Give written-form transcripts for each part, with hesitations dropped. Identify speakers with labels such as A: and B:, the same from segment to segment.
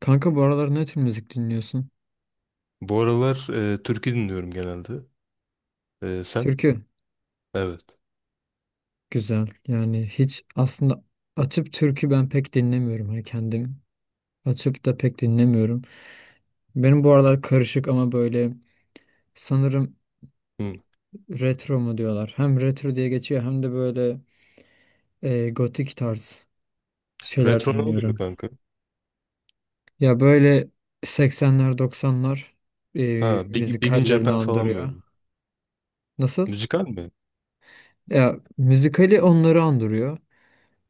A: Kanka bu aralar ne tür müzik dinliyorsun?
B: Bu aralar türkü dinliyorum genelde. Sen?
A: Türkü
B: Evet.
A: güzel. Yani hiç aslında açıp türkü ben pek dinlemiyorum. Hani kendim açıp da pek dinlemiyorum. Benim bu aralar karışık ama böyle sanırım
B: Hı.
A: retro mu diyorlar. Hem retro diye geçiyor hem de böyle gotik tarz şeyler
B: Retro ne oluyor
A: dinliyorum.
B: kanka?
A: Ya böyle 80'ler 90'lar e,
B: Ha, Big in
A: müzikallerini
B: Japan falan
A: andırıyor.
B: böyle.
A: Nasıl?
B: Müzikal mi?
A: Ya müzikali onları andırıyor.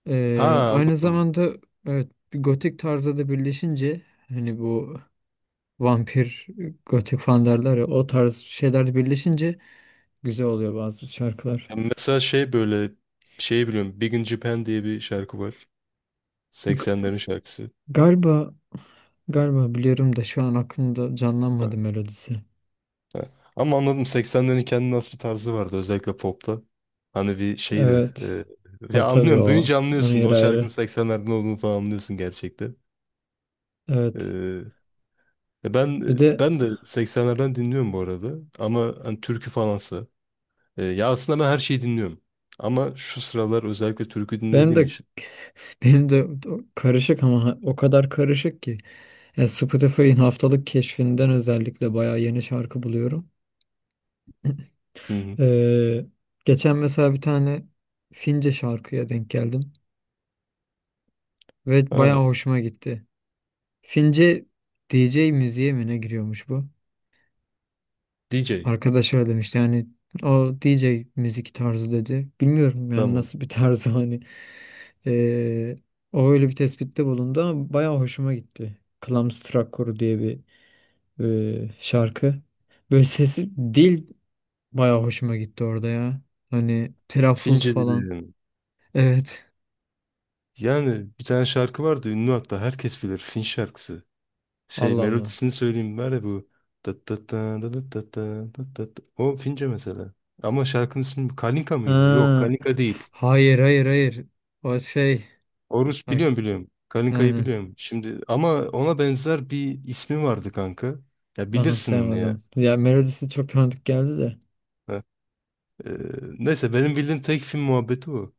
B: Ha,
A: Aynı
B: anladım.
A: zamanda evet bir gotik tarzda da birleşince hani bu vampir gotik falan derler ya o tarz şeyler de birleşince güzel oluyor bazı şarkılar.
B: Ya mesela şey böyle şey biliyorum. Big in Japan diye bir şarkı var.
A: G-
B: 80'lerin şarkısı.
A: galiba galiba biliyorum da şu an aklımda
B: Ha,
A: canlanmadı melodisi.
B: ha. Ama anladım, 80'lerin kendine has bir tarzı vardı özellikle popta. Hani bir şeydi.
A: Evet.
B: Ya
A: O tabii
B: anlıyorum.
A: o.
B: Duyunca
A: Onun
B: anlıyorsun.
A: yeri
B: O şarkının
A: ayrı.
B: 80'lerden olduğunu falan anlıyorsun gerçekten.
A: Evet.
B: E, E Ben
A: Bir de
B: ben de 80'lerden dinliyorum bu arada, ama hani türkü falansa. Ya aslında ben her şeyi dinliyorum. Ama şu sıralar özellikle türkü
A: benim
B: dinlediğim
A: de
B: için.
A: benim de karışık ama o kadar karışık ki. Yani Spotify'ın haftalık keşfinden özellikle bayağı yeni şarkı buluyorum.
B: Hı hı.
A: Ee, geçen mesela bir tane Fince şarkıya denk geldim ve
B: Ha,
A: bayağı hoşuma gitti. Fince DJ müziğe mi ne giriyormuş bu?
B: DJ.
A: Arkadaş öyle demişti yani o DJ müzik tarzı dedi. Bilmiyorum yani
B: Tamam.
A: nasıl bir tarzı hani. Ee, o öyle bir tespitte bulundu ama bayağı hoşuma gitti. Klamstrak Koru diye bir şarkı. Böyle sesi dil bayağı hoşuma gitti orada ya. Hani telaffuz
B: Fince
A: falan.
B: dinledim.
A: Evet.
B: Yani bir tane şarkı vardı ünlü, hatta herkes bilir Fin şarkısı. Şey,
A: Allah Allah.
B: melodisini söyleyeyim, var ya bu. Tat tat ta da da ta ta da ta ta. O Fince mesela. Ama şarkının ismi Kalinka mıydı? Yok,
A: Ha,
B: Kalinka değil.
A: hayır hayır hayır. O şey.
B: Horus,
A: Bak,
B: biliyorum biliyorum. Kaninka'yı
A: aynen.
B: biliyorum. Şimdi ama ona benzer bir ismi vardı kanka. Ya bilirsin onu ya.
A: Anımsayamadım. Ya melodisi çok tanıdık geldi de.
B: Heh. Ee, Neyse, benim bildiğim tek film muhabbeti o.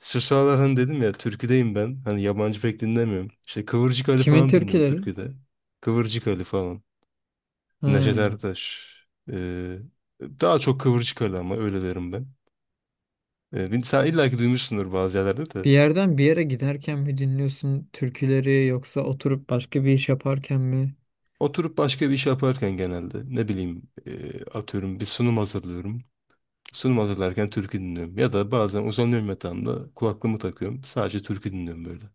B: Şu sıralar hani dedim ya, türküdeyim ben. Hani yabancı pek dinlemiyorum. İşte Kıvırcık Ali
A: Kimin
B: falan dinliyorum
A: türküleri?
B: türküde. Kıvırcık Ali falan. Neşet
A: Ha.
B: Ertaş. Ee, Daha çok Kıvırcık Ali, ama öyle derim ben. Sen illa ki duymuşsundur bazı yerlerde
A: Bir
B: de.
A: yerden bir yere giderken mi dinliyorsun türküleri yoksa oturup başka bir iş yaparken mi?
B: Oturup başka bir iş yaparken genelde ne bileyim, atıyorum bir sunum hazırlıyorum. Sunum hazırlarken türkü dinliyorum. Ya da bazen uzanıyorum yatağımda, kulaklığımı takıyorum. Sadece türkü dinliyorum böyle.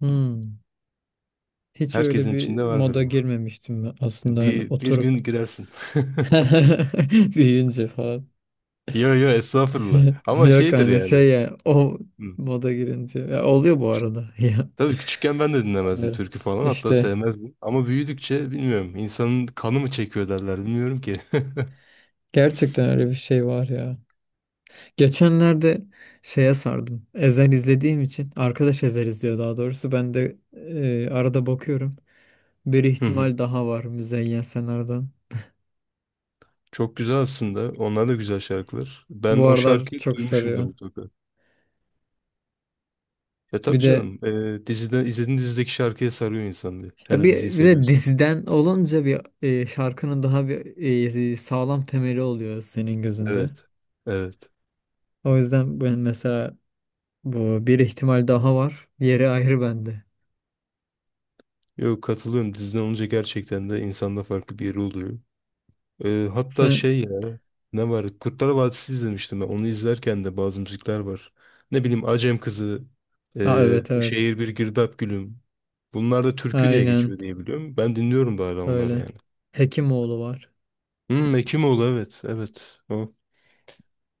A: Hmm. Hiç öyle
B: Herkesin
A: bir
B: içinde vardır
A: moda
B: bu.
A: girmemiştim ben aslında hani
B: Bir gün
A: oturup
B: girersin.
A: büyüyünce falan.
B: Yo yo, estağfurullah. Ama
A: Yok
B: şeydir
A: hani
B: yani.
A: şey yani o
B: Hı.
A: moda girince. Ya oluyor bu arada. Ya.
B: Tabii küçükken ben de dinlemezdim
A: Anlıyorum.
B: türkü falan. Hatta
A: İşte.
B: sevmezdim. Ama büyüdükçe bilmiyorum, insanın kanı mı çekiyor derler, bilmiyorum ki.
A: Gerçekten öyle bir şey var ya. Geçenlerde şeye sardım. Ezel izlediğim için. Arkadaş Ezel izliyor daha doğrusu. Ben de arada bakıyorum. Bir
B: Hı hı.
A: ihtimal daha var Müzeyyen Senar'dan.
B: Çok güzel aslında. Onlar da güzel şarkılar. Ben
A: Bu
B: o
A: aralar
B: şarkıyı
A: çok
B: duymuşumdur
A: sarıyor.
B: mutlaka. Ya
A: Bir
B: tabii
A: de
B: canım. Dizide, izlediğin dizideki şarkıya sarıyor insan diye.
A: ya
B: Her diziyi
A: bir de
B: seviyorsa.
A: diziden olunca bir şarkının daha bir sağlam temeli oluyor senin gözünde.
B: Evet. Evet.
A: O yüzden ben mesela bu bir ihtimal daha var. Yeri ayrı bende.
B: Yok, katılıyorum. Disney olunca gerçekten de insanda farklı bir yeri oluyor. Hatta
A: Sen.
B: şey ya, ne var? Kurtlar Vadisi izlemiştim ben. Onu izlerken de bazı müzikler var. Ne bileyim Acem Kızı,
A: Aa, evet
B: Bu
A: evet.
B: Şehir Bir Girdap Gülüm. Bunlar da türkü diye
A: Aynen.
B: geçiyor diye biliyorum. Ben dinliyorum da hala onları
A: Öyle.
B: yani.
A: Hekimoğlu var.
B: Hmm, Ekimoğlu, evet. Evet. O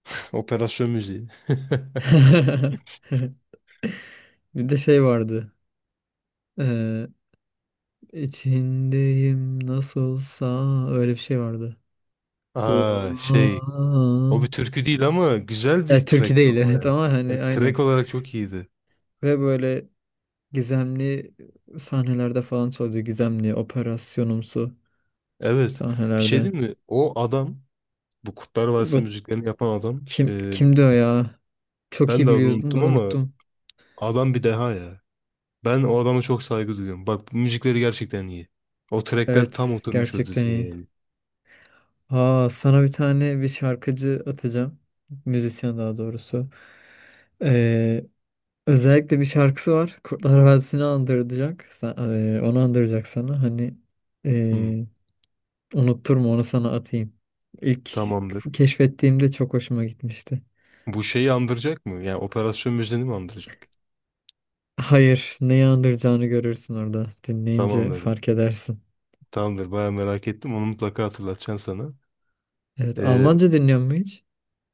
B: operasyon müziği.
A: Bir de şey vardı. Ee, içindeyim nasılsa öyle bir şey vardı. Bu
B: Aa şey, o bir türkü değil ama güzel
A: ya
B: bir
A: türkü
B: trackti
A: değil
B: o
A: evet
B: ya.
A: ama hani aynen.
B: Track olarak çok iyiydi.
A: Ve böyle gizemli sahnelerde falan çalıyordu. Gizemli operasyonumsu
B: Evet. Bir şey
A: sahnelerde.
B: değil mi? O adam, bu Kurtlar Vadisi
A: Bu
B: müziklerini yapan adam, e,
A: kimdi o ya? Çok
B: ben
A: iyi
B: de adını
A: biliyordum da
B: unuttum, ama
A: unuttum.
B: adam bir deha ya. Ben o adama çok saygı duyuyorum. Bak, bu müzikleri gerçekten iyi. O trackler tam
A: Evet,
B: oturmuş o
A: gerçekten
B: diziye
A: iyi.
B: yani.
A: Aa, sana bir tane bir şarkıcı atacağım. Müzisyen daha doğrusu. Ee, özellikle bir şarkısı var. Kurtlar Vadisi'ni andıracak. Sen, onu andıracak sana. Hani
B: Hı,
A: ee, unutturma onu sana atayım. İlk
B: tamamdır.
A: keşfettiğimde çok hoşuma gitmişti.
B: Bu şeyi andıracak mı? Yani operasyon müziğini mi andıracak?
A: Hayır, neyi andıracağını görürsün orada. Dinleyince
B: Tamamdır.
A: fark edersin.
B: Tamamdır. Baya merak ettim. Onu mutlaka hatırlatacağım sana.
A: Evet,
B: E,
A: Almanca dinliyor mu hiç?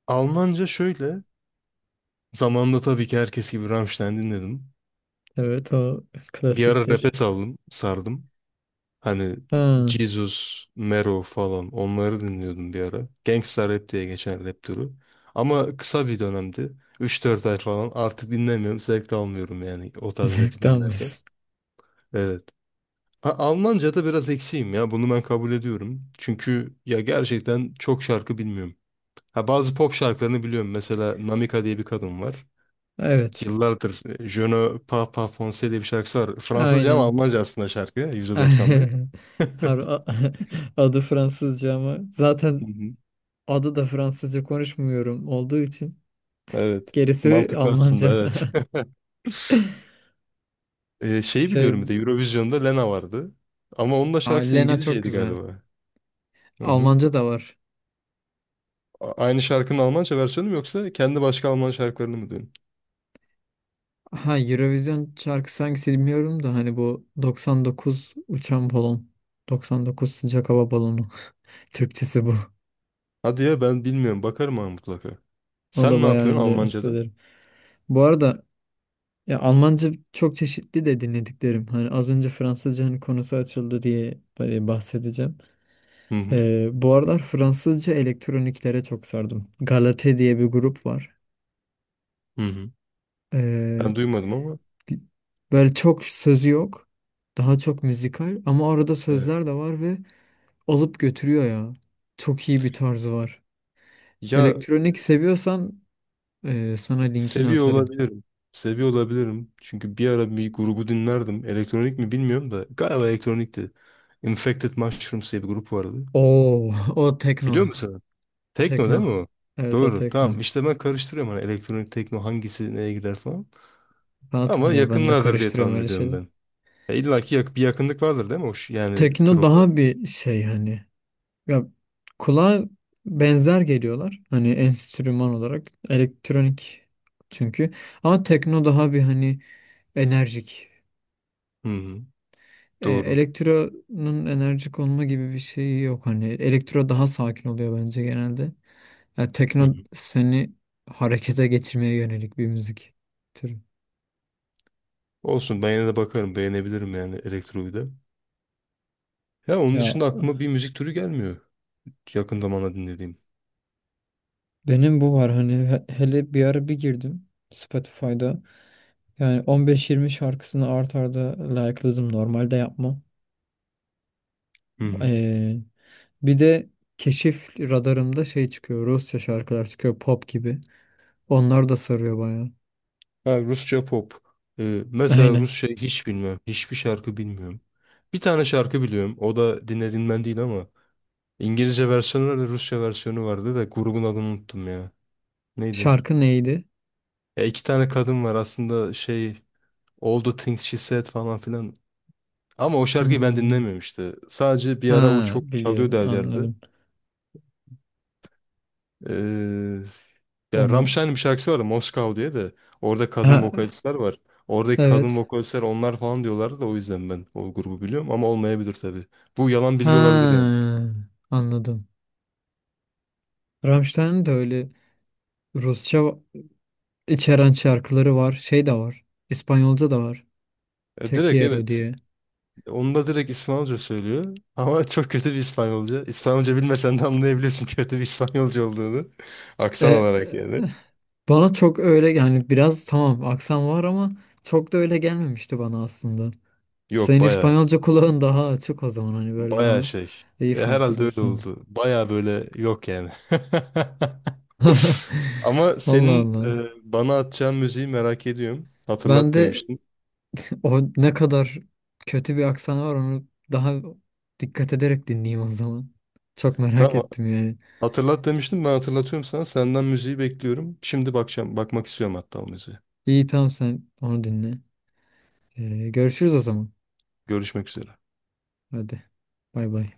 B: Almanca şöyle. Zamanında tabii ki herkes gibi Rammstein dinledim.
A: Evet, o
B: Bir ara rap'e
A: klasiktir.
B: saldım, sardım. Hani
A: Ha,
B: Jesus, Mero falan, onları dinliyordum bir ara. Gangsta Rap diye geçen rap türü. Ama kısa bir dönemdi. 3-4 ay falan, artık dinlemiyorum. Zevk de almıyorum yani o tarz rapi
A: zevk
B: dinlerken.
A: almıyorsun.
B: Evet. Almanca'da biraz eksiğim ya. Bunu ben kabul ediyorum. Çünkü ya gerçekten çok şarkı bilmiyorum. Ha, bazı pop şarkılarını biliyorum. Mesela Namika diye bir kadın var.
A: Evet,
B: Yıllardır Je ne parle pas français diye bir şarkısı var. Fransızca ama
A: aynen.
B: Almanca aslında şarkı. %90. Hı.
A: Har a- adı Fransızca ama zaten adı da Fransızca konuşmuyorum olduğu için
B: Evet.
A: gerisi
B: Mantıklı aslında,
A: Almanca.
B: evet. Şeyi biliyorum, bir
A: Şey,
B: de Eurovision'da Lena vardı. Ama onun da
A: aa,
B: şarkısı
A: Lena çok
B: İngilizceydi
A: güzel.
B: galiba. Hı hı.
A: Almanca da var.
B: Aynı şarkının Almanca versiyonu mu, yoksa kendi başka Alman şarkılarını mı dedin?
A: Ha, Eurovision şarkısı hangisi bilmiyorum da hani bu 99 uçan balon. 99 sıcak hava balonu. Türkçesi bu.
B: Hadi ya, ben bilmiyorum. Bakarım ha, mutlaka.
A: O da
B: Sen ne
A: bayağı
B: yapıyorsun
A: ünlü
B: Almanca'da?
A: söylerim. Bu arada ya Almanca çok çeşitli de dinlediklerim. Hani az önce Fransızca hani konusu açıldı diye bahsedeceğim.
B: Hı hı.
A: Bu aralar Fransızca elektroniklere çok sardım. Galate diye bir grup var.
B: Hı hı.
A: Ee,
B: Ben duymadım ama.
A: böyle çok sözü yok. Daha çok müzikal ama arada
B: Evet.
A: sözler de var ve alıp götürüyor ya. Çok iyi bir tarzı var.
B: Ya,
A: Elektronik seviyorsan sana linkini
B: seviyor
A: atarım.
B: olabilirim. Seviyor olabilirim. Çünkü bir ara bir grubu dinlerdim. Elektronik mi bilmiyorum da. Galiba elektronikti. Infected Mushrooms diye bir grup vardı.
A: Oo, o tekno.
B: Biliyor musun? Tekno değil
A: Tekno.
B: mi o?
A: Evet, o
B: Doğru. Tamam.
A: tekno.
B: İşte ben karıştırıyorum hani, elektronik tekno hangisi neye girer falan.
A: Rahat ol
B: Ama
A: ya ben de
B: yakınlardır diye
A: karıştırıyorum
B: tahmin
A: öyle
B: ediyorum
A: şeyleri.
B: ben. İlla ki bir yakınlık vardır değil mi? Yani tür
A: Tekno
B: olarak.
A: daha bir şey hani. Ya kulağa benzer geliyorlar. Hani enstrüman olarak elektronik çünkü. Ama tekno daha bir hani enerjik.
B: Hı hı.
A: E,
B: Doğru.
A: elektronun enerjik olma gibi bir şeyi yok. Hani elektro daha sakin oluyor bence genelde. Ya
B: Hı
A: tekno
B: hı.
A: seni harekete getirmeye yönelik bir müzik türü.
B: Olsun, ben yine de bakarım. Beğenebilirim yani elektroyu da. Ya onun
A: Ya
B: dışında aklıma bir müzik türü gelmiyor. Yakın zamanda dinlediğim.
A: benim bu var hani hele bir ara bir girdim Spotify'da. Yani 15-20 şarkısını art arda like'ladım. Normalde yapmam.
B: Hı hı.
A: Ee, bir de keşif radarımda şey çıkıyor. Rusça şarkılar çıkıyor pop gibi. Onlar da sarıyor bayağı.
B: Ha, Rusça pop. Mesela
A: Aynen.
B: Rusça hiç bilmiyorum. Hiçbir şarkı bilmiyorum. Bir tane şarkı biliyorum. O da dinlediğimden değil ama. İngilizce versiyonu vardı, Rusça versiyonu vardı da grubun adını unuttum ya. Neydi?
A: Şarkı neydi?
B: Ya, iki tane kadın var aslında, şey, All the Things She Said falan filan. Ama o şarkıyı ben
A: Hmm.
B: dinlemiyorum işte. Sadece bir ara o
A: Ha,
B: çok çalıyordu
A: biliyorum,
B: her yerde.
A: anladım.
B: Ee, Ya,
A: Onu
B: Rammstein'in bir şarkısı var, Moskow diye de. Orada
A: ha,
B: kadın vokalistler var. Oradaki kadın
A: evet.
B: vokalistler onlar falan diyorlardı, da o yüzden ben o grubu biliyorum, ama olmayabilir tabii. Bu yalan
A: Ha,
B: bilgi olabilir yani.
A: anladım. Rammstein'in de öyle Rusça içeren şarkıları var. Şey de var. İspanyolca da var. Te
B: Direkt
A: quiero
B: evet,
A: diye.
B: onu da direkt İspanyolca söylüyor. Ama çok kötü bir İspanyolca. İspanyolca bilmesen de anlayabiliyorsun kötü bir İspanyolca olduğunu.
A: E,
B: Aksan olarak yani.
A: bana çok öyle yani biraz tamam aksan var ama çok da öyle gelmemişti bana aslında.
B: Yok,
A: Senin
B: baya
A: İspanyolca kulağın daha açık o zaman hani böyle
B: baya
A: daha
B: şey.
A: iyi fark
B: Herhalde öyle
A: ediyorsun.
B: oldu. Baya böyle yok yani. Ama
A: Allah
B: senin
A: Allah.
B: bana atacağın müziği merak ediyorum.
A: Ben
B: Hatırlat
A: de
B: demiştin.
A: o ne kadar kötü bir aksan var onu daha dikkat ederek dinleyeyim o zaman. Çok merak
B: Tamam.
A: ettim yani.
B: Hatırlat demiştim. Ben hatırlatıyorum sana. Senden müziği bekliyorum. Şimdi bakacağım. Bakmak istiyorum hatta o müziğe.
A: İyi, tamam, sen onu dinle. Görüşürüz o zaman.
B: Görüşmek üzere.
A: Hadi. Bay bay.